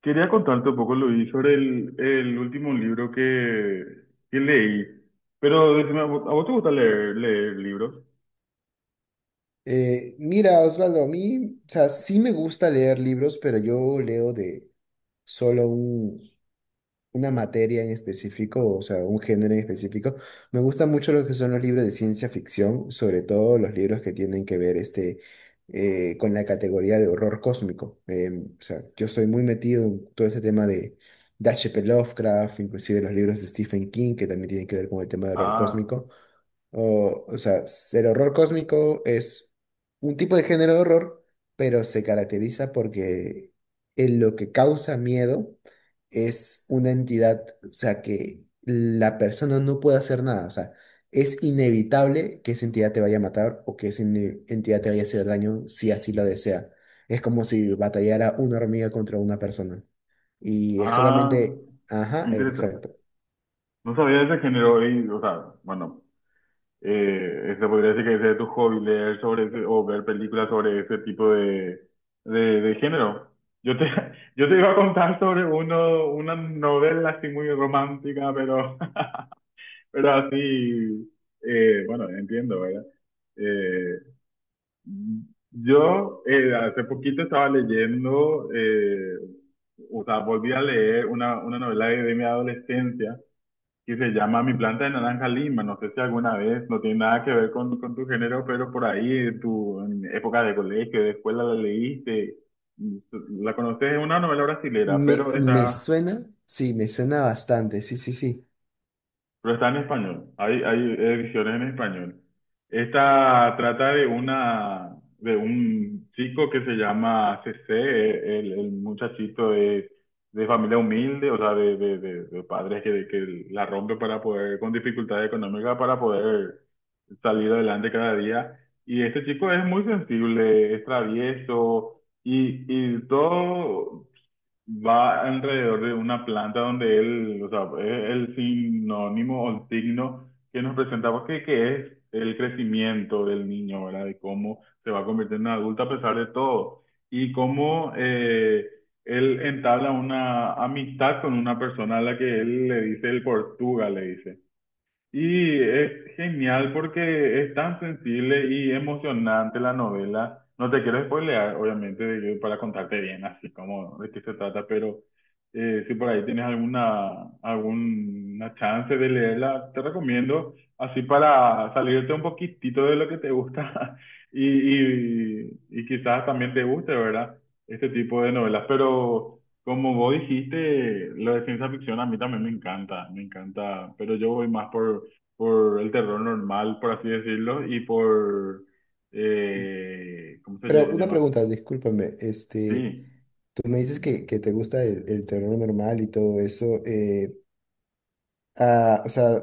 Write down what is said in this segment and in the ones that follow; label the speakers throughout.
Speaker 1: Quería contarte un poco, Luis, sobre el último libro que leí. Pero decime, ¿a vos te gusta leer, leer libros?
Speaker 2: Mira, Osvaldo, a mí, o sea, sí me gusta leer libros, pero yo leo solo un- una materia en específico, o sea, un género en específico. Me gustan mucho lo que son los libros de ciencia ficción, sobre todo los libros que tienen que ver con la categoría de horror cósmico. O sea, yo soy muy metido en todo ese tema de H P. Lovecraft, inclusive los libros de Stephen King, que también tienen que ver con el tema de horror
Speaker 1: Ah,
Speaker 2: cósmico. O sea, el horror cósmico es un tipo de género de horror, pero se caracteriza porque en lo que causa miedo es una entidad, o sea, que la persona no puede hacer nada, o sea, es inevitable que esa entidad te vaya a matar o que entidad te vaya a hacer daño si así lo desea. Es como si batallara una hormiga contra una persona. Y
Speaker 1: ah,
Speaker 2: exactamente, ajá,
Speaker 1: interesante.
Speaker 2: exacto.
Speaker 1: No sabía de ese género y, o sea, bueno, se podría decir que ese es tu hobby, leer sobre ese, o ver películas sobre ese tipo de, de género. Yo te, yo te iba a contar sobre uno, una novela así muy romántica, pero, pero así, bueno, entiendo, ¿verdad? Eh, Yo Hace poquito estaba leyendo, o sea, volví a leer una novela de mi adolescencia que se llama Mi planta de naranja lima. No sé si alguna vez, no tiene nada que ver con tu género, pero por ahí, tu, en época de colegio, de escuela, la leíste. La conoces, es una novela brasilera,
Speaker 2: Me,
Speaker 1: pero
Speaker 2: me
Speaker 1: está.
Speaker 2: suena, sí, me suena bastante, sí, sí, sí.
Speaker 1: Pero está en español, hay ediciones en español. Esta trata de una, de un chico que se llama CC, el muchachito de familia humilde, o sea, de padres que la rompe para poder, con dificultades económicas para poder salir adelante cada día. Y este chico es muy sensible, es travieso y todo, va alrededor de una planta donde él, o sea, es el sinónimo o el signo que nos presentaba que es el crecimiento del niño, ¿verdad? De cómo se va a convertir en adulto a pesar de todo. Y cómo él entabla una amistad con una persona a la que él le dice el Portuga, le dice. Y es genial porque es tan sensible y emocionante la novela. No te quiero spoilear, obviamente, para contarte bien así como de qué se trata, pero si por ahí tienes alguna, alguna chance de leerla, te recomiendo, así para salirte un poquitito de lo que te gusta y quizás también te guste, ¿verdad? Este tipo de novelas. Pero como vos dijiste, lo de ciencia ficción a mí también me encanta, pero yo voy más por el terror normal, por así decirlo, y por, ¿cómo
Speaker 2: Pero una
Speaker 1: llama?
Speaker 2: pregunta, discúlpame, este,
Speaker 1: Sí,
Speaker 2: tú me dices que te gusta el terror normal y todo eso, o sea,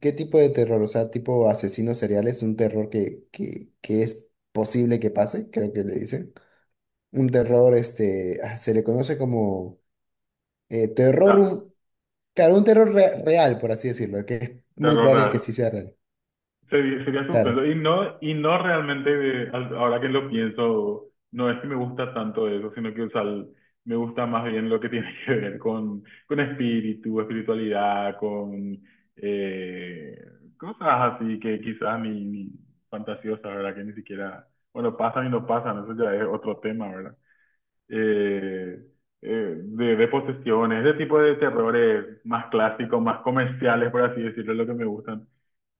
Speaker 2: ¿qué tipo de terror? O sea, tipo asesinos seriales, un terror que es posible que pase, creo que le dicen. Un terror, se le conoce como
Speaker 1: o
Speaker 2: terror,
Speaker 1: sea,
Speaker 2: claro, un real, por así decirlo, que es muy
Speaker 1: terror
Speaker 2: probable que
Speaker 1: real.
Speaker 2: sí sea real,
Speaker 1: Sería, sería suspenso.
Speaker 2: claro.
Speaker 1: Y no realmente, ahora que lo pienso, no es que me gusta tanto eso, sino que, o sea, me gusta más bien lo que tiene que ver con espíritu, espiritualidad, con eh, cosas así que quizás ni, ni fantasiosas, ¿verdad? Que ni siquiera, bueno, pasan y no pasan, eso ya es otro tema, ¿verdad? eh, de posesiones, ese tipo de terrores más clásicos, más comerciales, por así decirlo, es lo que me gustan.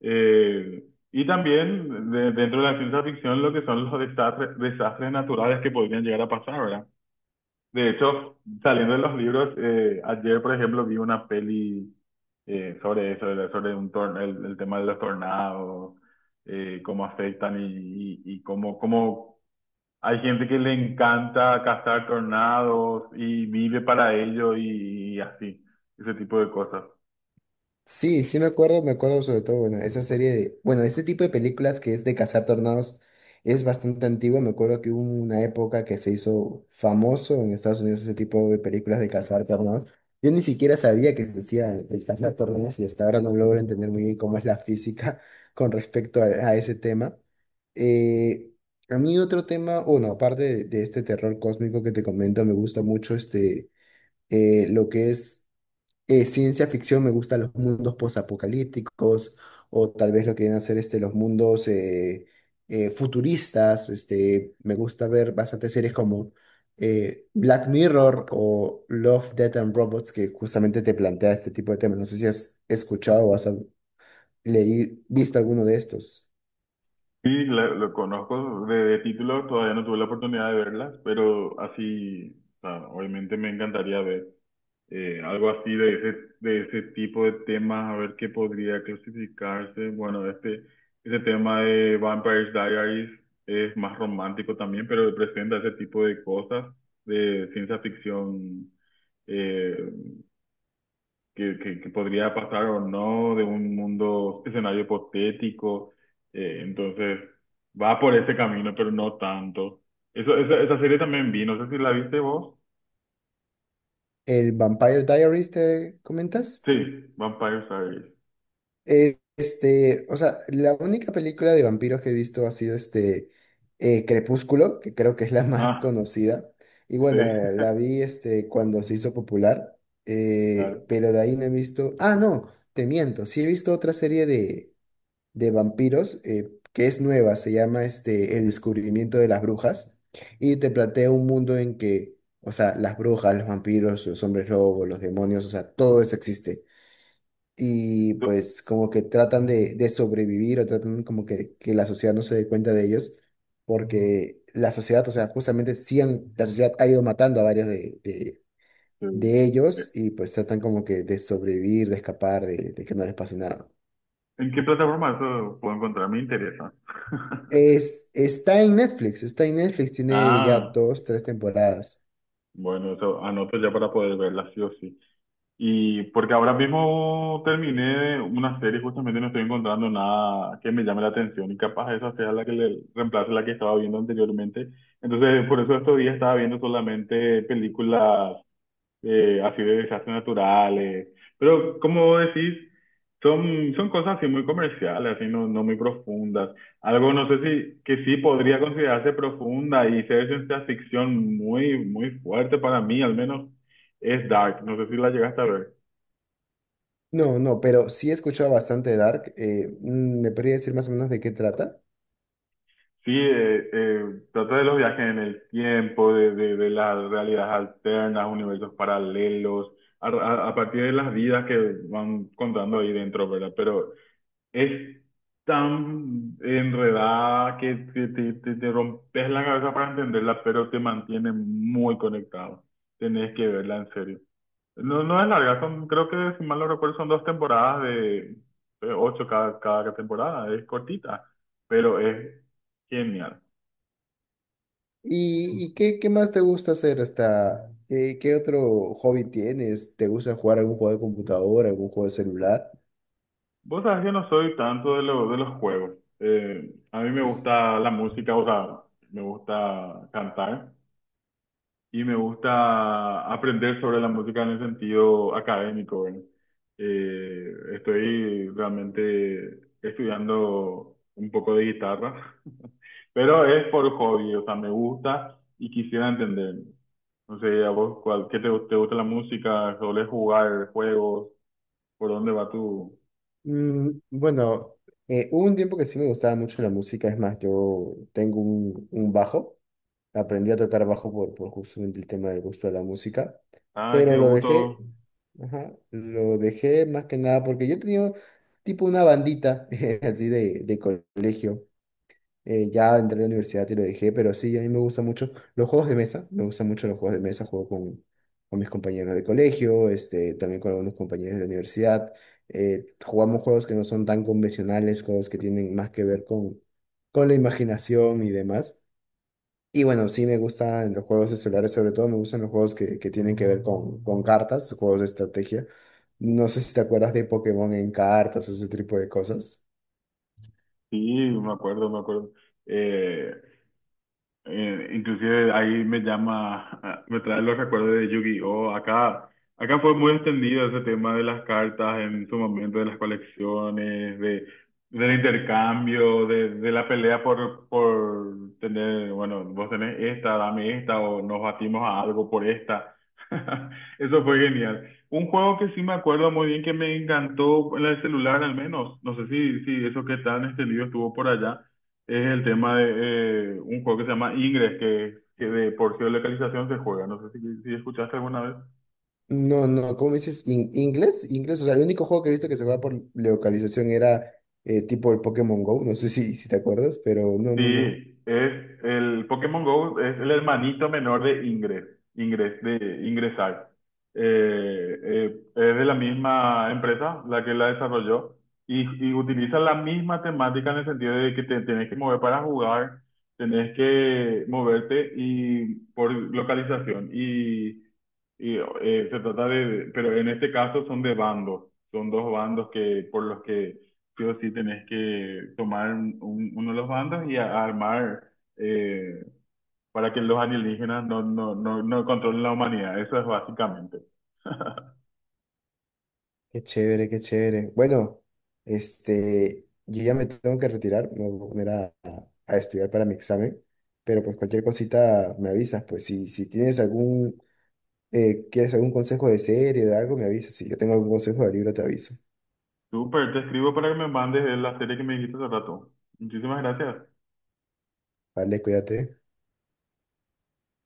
Speaker 1: Eh, y también dentro de la ciencia ficción lo que son los desastres, desastres naturales que podrían llegar a pasar, ¿verdad? De hecho, saliendo de los libros, ayer, por ejemplo, vi una peli sobre eso, sobre sobre un el tema de los tornados, cómo afectan y cómo, cómo hay gente que le encanta cazar tornados y vive para ello y así, ese tipo de cosas.
Speaker 2: Sí, sí me acuerdo sobre todo, bueno, esa serie de, bueno, ese tipo de películas que es de cazar tornados es bastante antigua, me acuerdo que hubo una época que se hizo famoso en Estados Unidos ese tipo de películas de cazar tornados. Yo ni siquiera sabía que se decía el cazar tornados y hasta ahora no logro entender muy bien cómo es la física con respecto a ese tema. Eh, a mí otro tema, bueno, aparte de este terror cósmico que te comento, me gusta mucho lo que es ciencia ficción, me gustan los mundos posapocalípticos o tal vez lo que vienen a ser este, los mundos futuristas. Este, me gusta ver bastantes series como Black Mirror o Love, Death and Robots que justamente te plantea este tipo de temas. No sé si has escuchado o has visto alguno de estos.
Speaker 1: Sí, lo, conozco de título, todavía no tuve la oportunidad de verlas, pero así, o sea, obviamente me encantaría ver algo así de ese tipo de temas, a ver qué podría clasificarse. Bueno, este tema de Vampire Diaries es más romántico también, pero presenta ese tipo de cosas de ciencia ficción eh, que, que podría pasar o no, de un mundo, escenario hipotético. Entonces, va por ese camino, pero no tanto. Eso, esa serie también vi, no sé si la viste vos.
Speaker 2: ¿El Vampire Diaries te comentas?
Speaker 1: Sí, Vampire Diaries.
Speaker 2: Este, o sea, la única película de vampiros que he visto ha sido Crepúsculo, que creo que es la más
Speaker 1: Ah,
Speaker 2: conocida. Y
Speaker 1: sí,
Speaker 2: bueno, la vi este cuando se hizo popular,
Speaker 1: claro.
Speaker 2: pero de ahí no he visto. Ah, no, te miento. Sí he visto otra serie de vampiros que es nueva, se llama este El descubrimiento de las brujas. Y te plantea un mundo en que, o sea, las brujas, los vampiros, los hombres lobos, los demonios, o sea, todo eso existe y
Speaker 1: Do-
Speaker 2: pues como que tratan de sobrevivir o tratan como que la sociedad no se dé cuenta de ellos, porque la sociedad, o sea, la sociedad ha ido matando a varios de, de,
Speaker 1: sí.
Speaker 2: de ellos y pues tratan como que de sobrevivir, de escapar, de que no les pase nada.
Speaker 1: ¿En qué plataforma eso puedo encontrar? Me interesa.
Speaker 2: Es, está en Netflix, tiene ya
Speaker 1: Ah,
Speaker 2: dos, tres temporadas.
Speaker 1: bueno, eso anoto ya para poder verla, sí o sí. Y porque ahora mismo terminé una serie, justamente no estoy encontrando nada que me llame la atención y capaz esa sea la que le reemplace la que estaba viendo anteriormente. Entonces, por eso estos días estaba viendo solamente películas así de desastres naturales. Pero como decís, son, son cosas así muy comerciales, así no, no muy profundas. Algo, no sé si, que sí podría considerarse profunda y ser ciencia ficción muy, muy fuerte para mí, al menos, es Dark. No sé si la llegaste a ver.
Speaker 2: No, no, pero sí he escuchado bastante de Dark. ¿Me podría decir más o menos de qué trata?
Speaker 1: Sí, trata de los viajes en el tiempo, de las realidades alternas, universos paralelos, a partir de las vidas que van contando ahí dentro, ¿verdad? Pero es tan enredada que te, te rompes la cabeza para entenderla, pero te mantiene muy conectado. Tenés que verla en serio. No, no es larga, son, creo que si mal no recuerdo son dos temporadas de ocho cada, cada temporada, es cortita, pero es genial.
Speaker 2: Y qué, qué más te gusta hacer hasta, qué, qué otro hobby tienes? ¿Te gusta jugar algún juego de computadora, algún juego de celular?
Speaker 1: Vos sabés que no soy tanto de, de los juegos. A mí me gusta la música, o sea, me gusta cantar y me gusta aprender sobre la música en el sentido académico, ¿verdad? Estoy realmente estudiando un poco de guitarra, pero es por hobby, o sea, me gusta y quisiera entender. No sé, a vos, cuál, ¿qué te, te gusta la música? ¿Solés jugar juegos? ¿Por dónde va tu...?
Speaker 2: Mm, bueno, hubo un tiempo que sí me gustaba mucho la música, es más, yo tengo un bajo, aprendí a tocar bajo por justamente el tema del gusto de la música,
Speaker 1: Ay,
Speaker 2: pero
Speaker 1: qué
Speaker 2: lo dejé,
Speaker 1: gusto.
Speaker 2: ajá, lo dejé más que nada porque yo tenía tipo una bandita así de colegio. Ya entré a la universidad y lo dejé, pero sí, a mí me gustan mucho los juegos de mesa. Me gustan mucho los juegos de mesa. Juego con mis compañeros de colegio, este, también con algunos compañeros de la universidad. Jugamos juegos que no son tan convencionales, juegos que tienen más que ver con la imaginación y demás. Y bueno, sí me gustan los juegos de celulares, sobre todo me gustan los juegos que tienen que ver con cartas, juegos de estrategia. No sé si te acuerdas de Pokémon en cartas o ese tipo de cosas.
Speaker 1: Sí, me acuerdo, me acuerdo. Eh, inclusive ahí me llama, ah, me trae los recuerdos de Yu-Gi-Oh! Acá, acá fue muy extendido ese tema de las cartas en su momento, de las colecciones, de, del intercambio, de la pelea por tener, bueno, vos tenés esta, dame esta, o nos batimos a algo por esta. Eso fue genial. Un juego que sí me acuerdo muy bien que me encantó en el celular al menos. No sé si, si eso que tan extendido estuvo por allá es el tema de un juego que se llama Ingress, que de por sí de localización se juega. No sé si, si escuchaste alguna vez.
Speaker 2: No, no, ¿cómo me dices? ¿In- Inglés? Inglés, o sea, el único juego que he visto que se jugaba por localización era tipo el Pokémon Go, no sé si, si te acuerdas, pero no, no, no.
Speaker 1: Sí, es el Pokémon Go es el hermanito menor de Ingress, Ingress de Ingresar. Es de la misma empresa la que la desarrolló y utiliza la misma temática en el sentido de que te tenés que mover para jugar, tenés que moverte y por localización y se trata de, pero en este caso son de bandos, son dos bandos que por los que sí o sí tenés que tomar un- uno de los bandos y armar eh, para que los alienígenas no, no, no, no controlen la humanidad. Eso es básicamente.
Speaker 2: Qué chévere, qué chévere. Bueno, este, yo ya me tengo que retirar, me voy a poner a, a estudiar para mi examen, pero pues cualquier cosita me avisas, pues si, si tienes algún, quieres algún consejo de serie o de algo, me avisas, si yo tengo algún consejo de libro te aviso.
Speaker 1: Súper, te escribo para que me mandes la serie que me dijiste hace rato. Muchísimas gracias.
Speaker 2: Vale, cuídate.